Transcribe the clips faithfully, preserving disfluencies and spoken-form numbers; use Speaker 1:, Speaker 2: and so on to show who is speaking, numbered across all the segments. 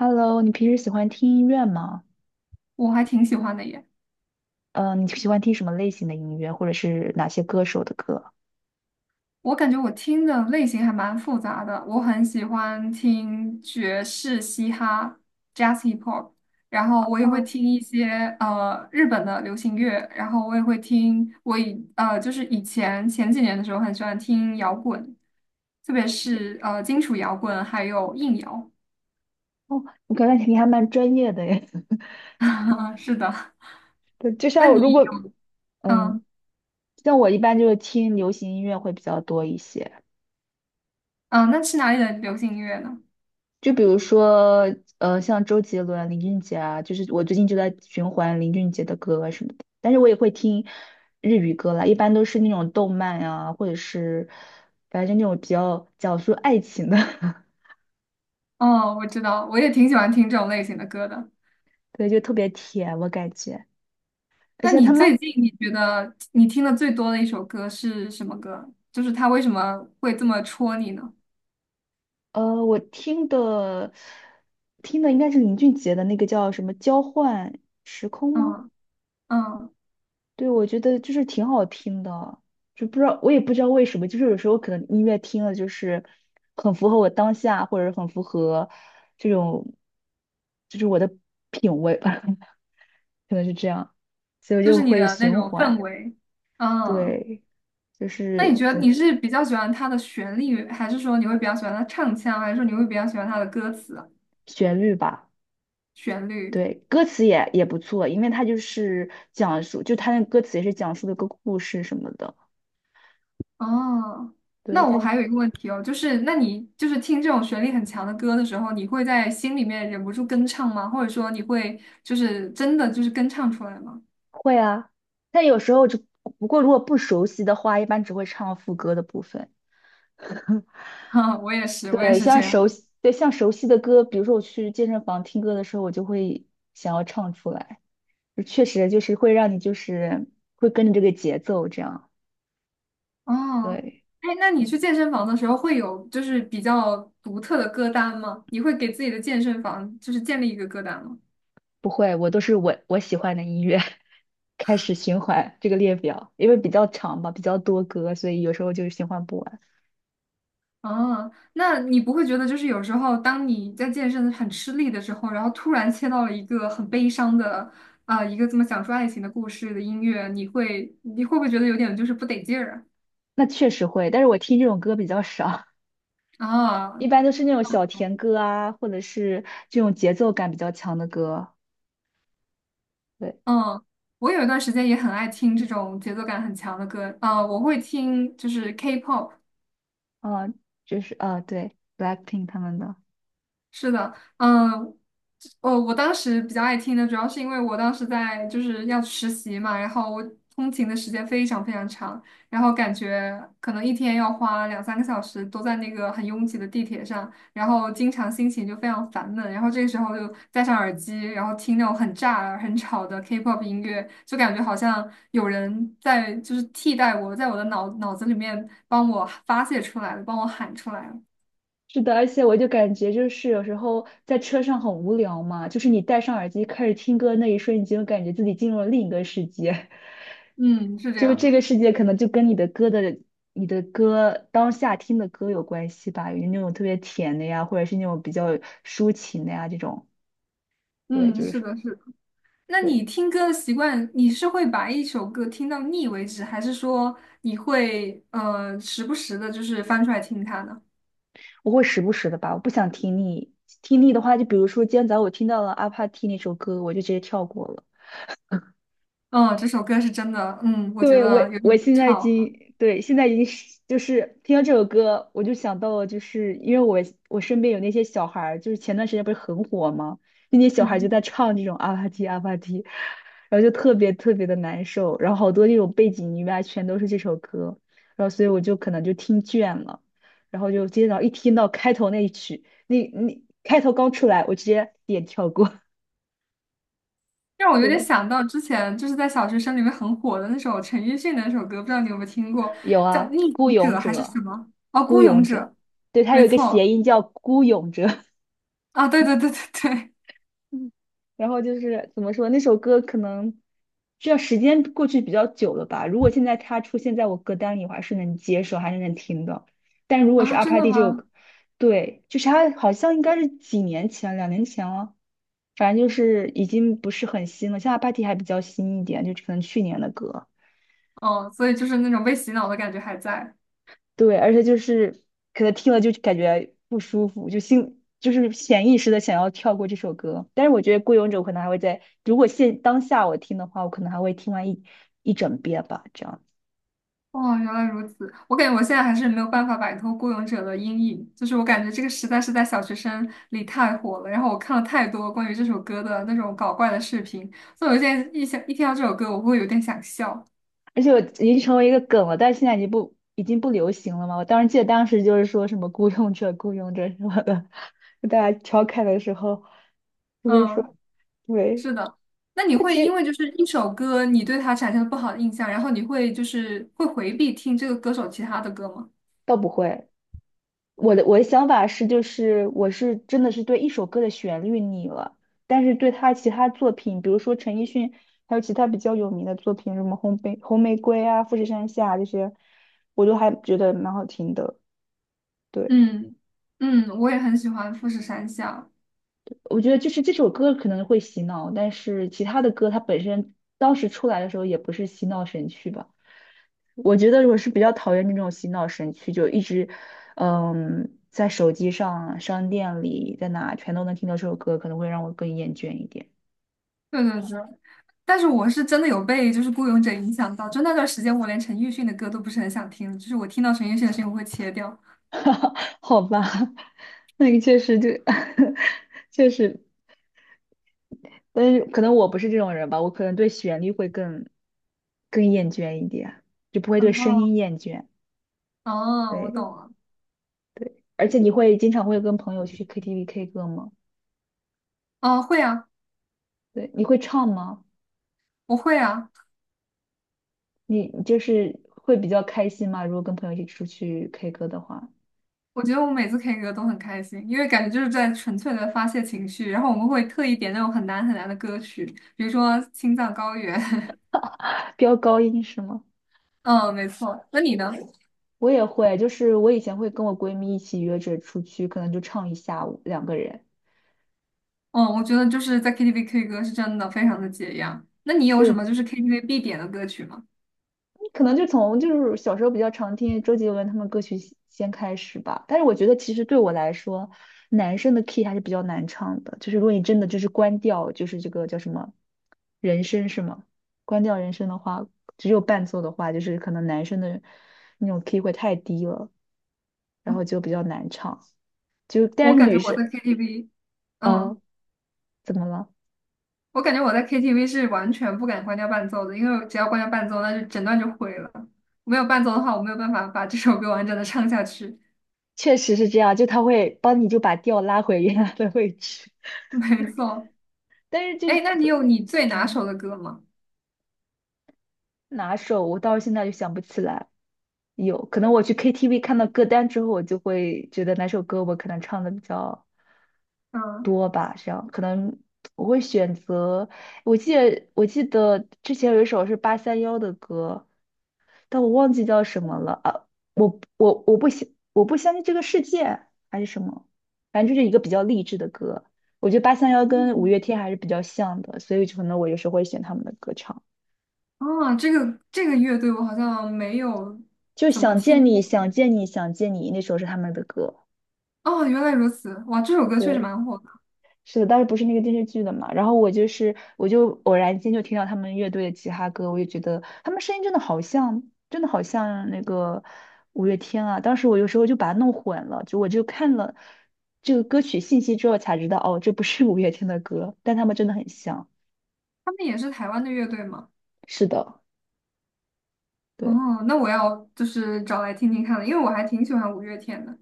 Speaker 1: Hello，你平时喜欢听音乐吗？
Speaker 2: 我还挺喜欢的耶。
Speaker 1: 嗯，你喜欢听什么类型的音乐，或者是哪些歌手的歌？
Speaker 2: 我感觉我听的类型还蛮复杂的，我很喜欢听爵士、嘻哈、jazz、hip hop,然后我也会
Speaker 1: 哦
Speaker 2: 听一些呃日本的流行乐，然后我也会听我以呃就是以前前几年的时候很喜欢听摇滚，特别是呃金属摇滚还有硬摇。
Speaker 1: 哦，我感觉你还蛮专业的耶。
Speaker 2: 是的。
Speaker 1: 对，就
Speaker 2: 那
Speaker 1: 像我
Speaker 2: 你
Speaker 1: 如果
Speaker 2: 有嗯
Speaker 1: 嗯，像我一般就是听流行音乐会比较多一些，
Speaker 2: 嗯，那是哪里的流行音乐呢？
Speaker 1: 就比如说呃，像周杰伦、林俊杰啊，就是我最近就在循环林俊杰的歌啊什么的。但是我也会听日语歌啦，一般都是那种动漫啊，或者是反正那种比较讲述爱情的，
Speaker 2: 哦，我知道，我也挺喜欢听这种类型的歌的。
Speaker 1: 对，就特别甜，我感觉。而
Speaker 2: 那
Speaker 1: 且
Speaker 2: 你
Speaker 1: 他
Speaker 2: 最
Speaker 1: 们，
Speaker 2: 近你觉得你听的最多的一首歌是什么歌？就是它为什么会这么戳你呢？
Speaker 1: 呃，我听的听的应该是林俊杰的那个叫什么《交换时空》吗？
Speaker 2: 嗯嗯，
Speaker 1: 对，我觉得就是挺好听的，就不知道我也不知道为什么，就是有时候可能音乐听了就是很符合我当下，或者是很符合这种就是我的品味吧，可能是这样，所以我
Speaker 2: 就
Speaker 1: 就
Speaker 2: 是你
Speaker 1: 会
Speaker 2: 的那
Speaker 1: 循
Speaker 2: 种氛
Speaker 1: 环，
Speaker 2: 围。嗯，
Speaker 1: 对，就
Speaker 2: 那你
Speaker 1: 是
Speaker 2: 觉
Speaker 1: 怎
Speaker 2: 得
Speaker 1: 么
Speaker 2: 你是比较喜欢它的旋律，还是说你会比较喜欢它唱腔，还是说你会比较喜欢它的歌词啊
Speaker 1: 旋律吧。
Speaker 2: 旋律？
Speaker 1: 对，歌词也也不错，因为它就是讲述，就它那歌词也是讲述的个故事什么的。
Speaker 2: 哦，
Speaker 1: 对，
Speaker 2: 那
Speaker 1: 他
Speaker 2: 我
Speaker 1: 就
Speaker 2: 还有一个问题哦，就是那你就是听这种旋律很强的歌的时候，你会在心里面忍不住跟唱吗？或者说你会就是真的就是跟唱出来吗？
Speaker 1: 会啊，但有时候就不过如果不熟悉的话，一般只会唱副歌的部分。
Speaker 2: 哈，我也是，我也
Speaker 1: 对，
Speaker 2: 是
Speaker 1: 像
Speaker 2: 这样。
Speaker 1: 熟悉，对，像熟悉的歌，比如说我去健身房听歌的时候，我就会想要唱出来，就确实就是会让你就是会跟着这个节奏这样。
Speaker 2: 哦，
Speaker 1: 对。
Speaker 2: 哎，那你去健身房的时候会有就是比较独特的歌单吗？你会给自己的健身房就是建立一个歌单吗？
Speaker 1: 不会，我都是我我喜欢的音乐 开始循环这个列表，因为比较长吧，比较多歌，所以有时候就是循环不完。
Speaker 2: 哦，那你不会觉得就是有时候当你在健身很吃力的时候，然后突然切到了一个很悲伤的啊、一个这么讲述爱情的故事的音乐，你会你会不会觉得有点就是不得劲儿
Speaker 1: 那确实会，但是我听这种歌比较少，
Speaker 2: 啊？
Speaker 1: 一
Speaker 2: 啊，
Speaker 1: 般都是那种小甜歌啊，或者是这种节奏感比较强的歌。对，
Speaker 2: 嗯。我有一段时间也很爱听这种节奏感很强的歌，啊、我会听就是 K-pop,
Speaker 1: 啊、就是啊、对，BLACKPINK 他们的。
Speaker 2: 是的，嗯，哦，我当时比较爱听的，主要是因为我当时在就是要实习嘛，然后我通勤的时间非常非常长，然后感觉可能一天要花两三个小时都在那个很拥挤的地铁上，然后经常心情就非常烦闷，然后这个时候就戴上耳机，然后听那种很炸耳、很吵的 K-pop 音乐，就感觉好像有人在就是替代我，在我的脑脑子里面帮我发泄出来了，帮我喊出来了。
Speaker 1: 是的，而且我就感觉就是有时候在车上很无聊嘛，就是你戴上耳机开始听歌那一瞬间，就感觉自己进入了另一个世界。
Speaker 2: 嗯，是这
Speaker 1: 就
Speaker 2: 样
Speaker 1: 这
Speaker 2: 的。
Speaker 1: 个世界可能就跟你的歌的、你的歌当下听的歌有关系吧，有那种特别甜的呀，或者是那种比较抒情的呀，这种，对，
Speaker 2: 嗯，
Speaker 1: 就
Speaker 2: 是
Speaker 1: 是
Speaker 2: 的，是的。那
Speaker 1: 对，
Speaker 2: 你听歌的习惯，你是会把一首歌听到腻为止，还是说你会呃时不时的，就是翻出来听它呢？
Speaker 1: 我会时不时的吧，我不想听腻，听腻的话，就比如说今天早上我听到了阿帕蒂那首歌，我就直接跳过了。
Speaker 2: 嗯，这首歌是真的，嗯，我觉
Speaker 1: 对，我
Speaker 2: 得有
Speaker 1: 我
Speaker 2: 点
Speaker 1: 现在已
Speaker 2: 吵，
Speaker 1: 经对现在已经是就是听到这首歌，我就想到了，就是因为我我身边有那些小孩儿，就是前段时间不是很火吗？那些小孩就
Speaker 2: 嗯，
Speaker 1: 在唱这种阿帕提阿帕提，然后就特别特别的难受，然后好多那种背景音乐啊全都是这首歌，然后所以我就可能就听倦了，然后就今天早上一听到开头那一曲，那那开头刚出来，我直接点跳过，
Speaker 2: 让我 有点
Speaker 1: 对。
Speaker 2: 想到之前就是在小学生里面很火的那首陈奕迅的那首歌，不知道你有没有听过，
Speaker 1: 有
Speaker 2: 叫《逆
Speaker 1: 啊，孤
Speaker 2: 行
Speaker 1: 勇
Speaker 2: 者》还是
Speaker 1: 者，
Speaker 2: 什么？哦，
Speaker 1: 孤
Speaker 2: 《孤勇
Speaker 1: 勇
Speaker 2: 者》，
Speaker 1: 者，对，它
Speaker 2: 没
Speaker 1: 有一个谐
Speaker 2: 错，
Speaker 1: 音叫孤勇者。
Speaker 2: 啊，对对对对对，
Speaker 1: 嗯然后就是怎么说，那首歌可能这时间过去比较久了吧。如果现在它出现在我歌单里，我还是能接受，还是能听的。但如果是
Speaker 2: 啊，
Speaker 1: 阿
Speaker 2: 真
Speaker 1: 帕
Speaker 2: 的
Speaker 1: 蒂这首
Speaker 2: 吗？
Speaker 1: 歌，对，就是它好像应该是几年前，两年前了，反正就是已经不是很新了。像阿帕蒂还比较新一点，就可能去年的歌。
Speaker 2: 哦，所以就是那种被洗脑的感觉还在。
Speaker 1: 对，而且就是可能听了就感觉不舒服，就心就是潜意识的想要跳过这首歌。但是我觉得《孤勇者》我可能还会在，如果现当下我听的话，我可能还会听完一一整遍吧，这样。
Speaker 2: 哦，原来如此。我感觉我现在还是没有办法摆脱《孤勇者》的阴影，就是我感觉这个实在是在小学生里太火了。然后我看了太多关于这首歌的那种搞怪的视频，所以我现在一想一听到这首歌，我会有点想笑。
Speaker 1: 而且我已经成为一个梗了，但是现在已经不已经不流行了嘛。我当时记得当时就是说什么"孤勇者""孤勇者"什么的，大家调侃的时候就会
Speaker 2: 嗯，
Speaker 1: 说对，
Speaker 2: 是的。那你
Speaker 1: 但
Speaker 2: 会
Speaker 1: 其
Speaker 2: 因
Speaker 1: 实
Speaker 2: 为就是一首歌，你对它产生了不好的印象，然后你会就是会回避听这个歌手其他的歌吗？
Speaker 1: 倒不会。我的我的想法是，就是我是真的是对一首歌的旋律腻了，但是对他其他作品，比如说陈奕迅，还有其他比较有名的作品，什么红玫红玫瑰啊、富士山下啊这些，我都还觉得蛮好听的。对，
Speaker 2: 嗯嗯，我也很喜欢富士山下。
Speaker 1: 我觉得就是这首歌可能会洗脑，但是其他的歌它本身当时出来的时候也不是洗脑神曲吧。我觉得我是比较讨厌那种洗脑神曲，就一直，嗯，在手机上、商店里，在哪全都能听到这首歌，可能会让我更厌倦一点。
Speaker 2: 对对对。但是我是真的有被就是《孤勇者》影响到，就那段时间我连陈奕迅的歌都不是很想听，就是我听到陈奕迅的声音我会切掉。
Speaker 1: 好吧，那个确实就，确实，但是可能我不是这种人吧，我可能对旋律会更更厌倦一点，就不会对声
Speaker 2: 哦
Speaker 1: 音厌倦。
Speaker 2: 哦，我懂
Speaker 1: 对
Speaker 2: 了。
Speaker 1: 对，而且你会经常会跟朋友去 K T V K 歌吗？
Speaker 2: 哦，会啊，
Speaker 1: 对，你会唱吗？
Speaker 2: 我会啊。
Speaker 1: 你就是会比较开心吗？如果跟朋友一起出去 K 歌的话，
Speaker 2: 我觉得我每次 K 歌都很开心，因为感觉就是在纯粹的发泄情绪，然后我们会特意点那种很难很难的歌曲，比如说《青藏高原》。
Speaker 1: 飙高音是吗？
Speaker 2: 嗯，没错。那你呢？
Speaker 1: 我也会，就是我以前会跟我闺蜜一起约着出去，可能就唱一下午，两个人。
Speaker 2: 嗯，我觉得就是在 K T V K 歌是真的非常的解压。那你有什
Speaker 1: 对，
Speaker 2: 么就是 KTV 必点的歌曲吗？
Speaker 1: 可能就从就是小时候比较常听周杰伦他们歌曲先先开始吧。但是我觉得其实对我来说，男生的 key 还是比较难唱的。就是如果你真的就是关掉，就是这个叫什么人声是吗？关掉人声的话，只有伴奏的话，就是可能男生的那种 key 会太低了。然后就比较难唱。就但
Speaker 2: 我
Speaker 1: 是
Speaker 2: 感
Speaker 1: 女
Speaker 2: 觉我
Speaker 1: 生，
Speaker 2: 在 K T V,
Speaker 1: 嗯，
Speaker 2: 嗯。
Speaker 1: 怎么了？
Speaker 2: 我感觉我在 K T V 是完全不敢关掉伴奏的，因为只要关掉伴奏，那就整段就毁了。没有伴奏的话，我没有办法把这首歌完整的唱下去。
Speaker 1: 确实是这样，就他会帮你就把调拉回原来的位置。
Speaker 2: 没错，
Speaker 1: 但是就是
Speaker 2: 哎，那你有你最拿手
Speaker 1: 嗯，
Speaker 2: 的歌吗？
Speaker 1: 哪首我到现在就想不起来。有可能我去 K T V 看到歌单之后，我就会觉得哪首歌我可能唱的比较
Speaker 2: 嗯，
Speaker 1: 多吧，这样可能我会选择。我记得我记得之前有一首是八三幺的歌，但我忘记叫什么了啊！我我我不相我不相信这个世界还是什么，反正就是一个比较励志的歌。我觉得八三幺跟五
Speaker 2: 嗯，
Speaker 1: 月天还是比较像的，所以可能我有时候会选他们的歌唱。
Speaker 2: 哦，这个这个乐队我好像没有
Speaker 1: 就
Speaker 2: 怎么
Speaker 1: 想
Speaker 2: 听
Speaker 1: 见你，
Speaker 2: 过哎。
Speaker 1: 想见你，想见你，那首是他们的歌。
Speaker 2: 哦，原来如此，哇，这首歌确实
Speaker 1: 对。
Speaker 2: 蛮火的。
Speaker 1: 是的，当时不是那个电视剧的嘛，然后我就是我就偶然间就听到他们乐队的吉他歌，我就觉得他们声音真的好像，真的好像那个五月天啊。当时我有时候就把它弄混了，就我就看了这个歌曲信息之后才知道，哦，这不是五月天的歌，但他们真的很像。
Speaker 2: 他们也是台湾的乐队吗？
Speaker 1: 是的，对。
Speaker 2: 哦，那我要就是找来听听看了，因为我还挺喜欢五月天的。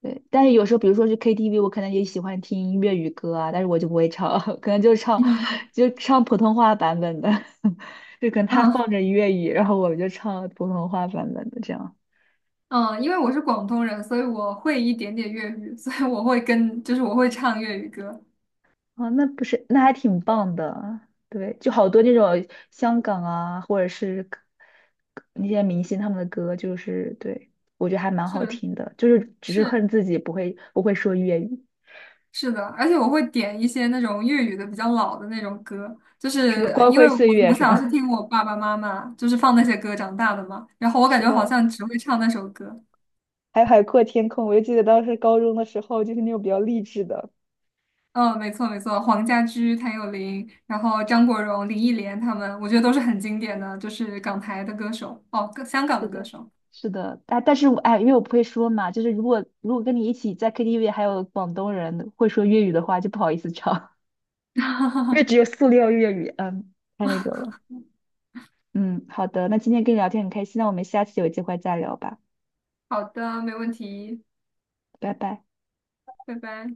Speaker 1: 对，但是有时候，比如说去 K T V,我可能也喜欢听粤语歌啊，但是我就不会唱，可能就唱，就唱普通话版本的，就可能他放
Speaker 2: 嗯，
Speaker 1: 着粤语，然后我就唱普通话版本的这样。
Speaker 2: 嗯，因为我是广东人，所以我会一点点粤语，所以我会跟，就是我会唱粤语歌，
Speaker 1: 啊，那不是，那还挺棒的。对，就好多那种香港啊，或者是歌那些明星他们的歌，就是对，我觉得还蛮好
Speaker 2: 是
Speaker 1: 听的，就是只是
Speaker 2: 是
Speaker 1: 恨自己不会不会说粤语，
Speaker 2: 是的，而且我会点一些那种粤语的比较老的那种歌，就
Speaker 1: 什么
Speaker 2: 是
Speaker 1: 光
Speaker 2: 因
Speaker 1: 辉
Speaker 2: 为
Speaker 1: 岁
Speaker 2: 我
Speaker 1: 月
Speaker 2: 从
Speaker 1: 是
Speaker 2: 小是
Speaker 1: 吗？
Speaker 2: 听我爸爸妈妈就是放那些歌长大的嘛，然后 我感
Speaker 1: 是
Speaker 2: 觉好
Speaker 1: 的。
Speaker 2: 像只会唱那首歌。
Speaker 1: 还有海阔天空，我就记得当时高中的时候，就是那种比较励志的。
Speaker 2: 嗯，没错没错，黄家驹、谭咏麟，然后张国荣、林忆莲他们，我觉得都是很经典的，就是港台的歌手，哦，香港
Speaker 1: 是
Speaker 2: 的歌
Speaker 1: 的，
Speaker 2: 手。
Speaker 1: 是的，哎，但是我哎，因为我不会说嘛，就是如果如果跟你一起在 K T V 还有广东人会说粤语的话，就不好意思唱。因为只有塑料粤语，嗯，太那个了。嗯，好的，那今天跟你聊天很开心，那我们下次有机会再聊吧，
Speaker 2: 好的，没问题，
Speaker 1: 拜拜。
Speaker 2: 拜拜。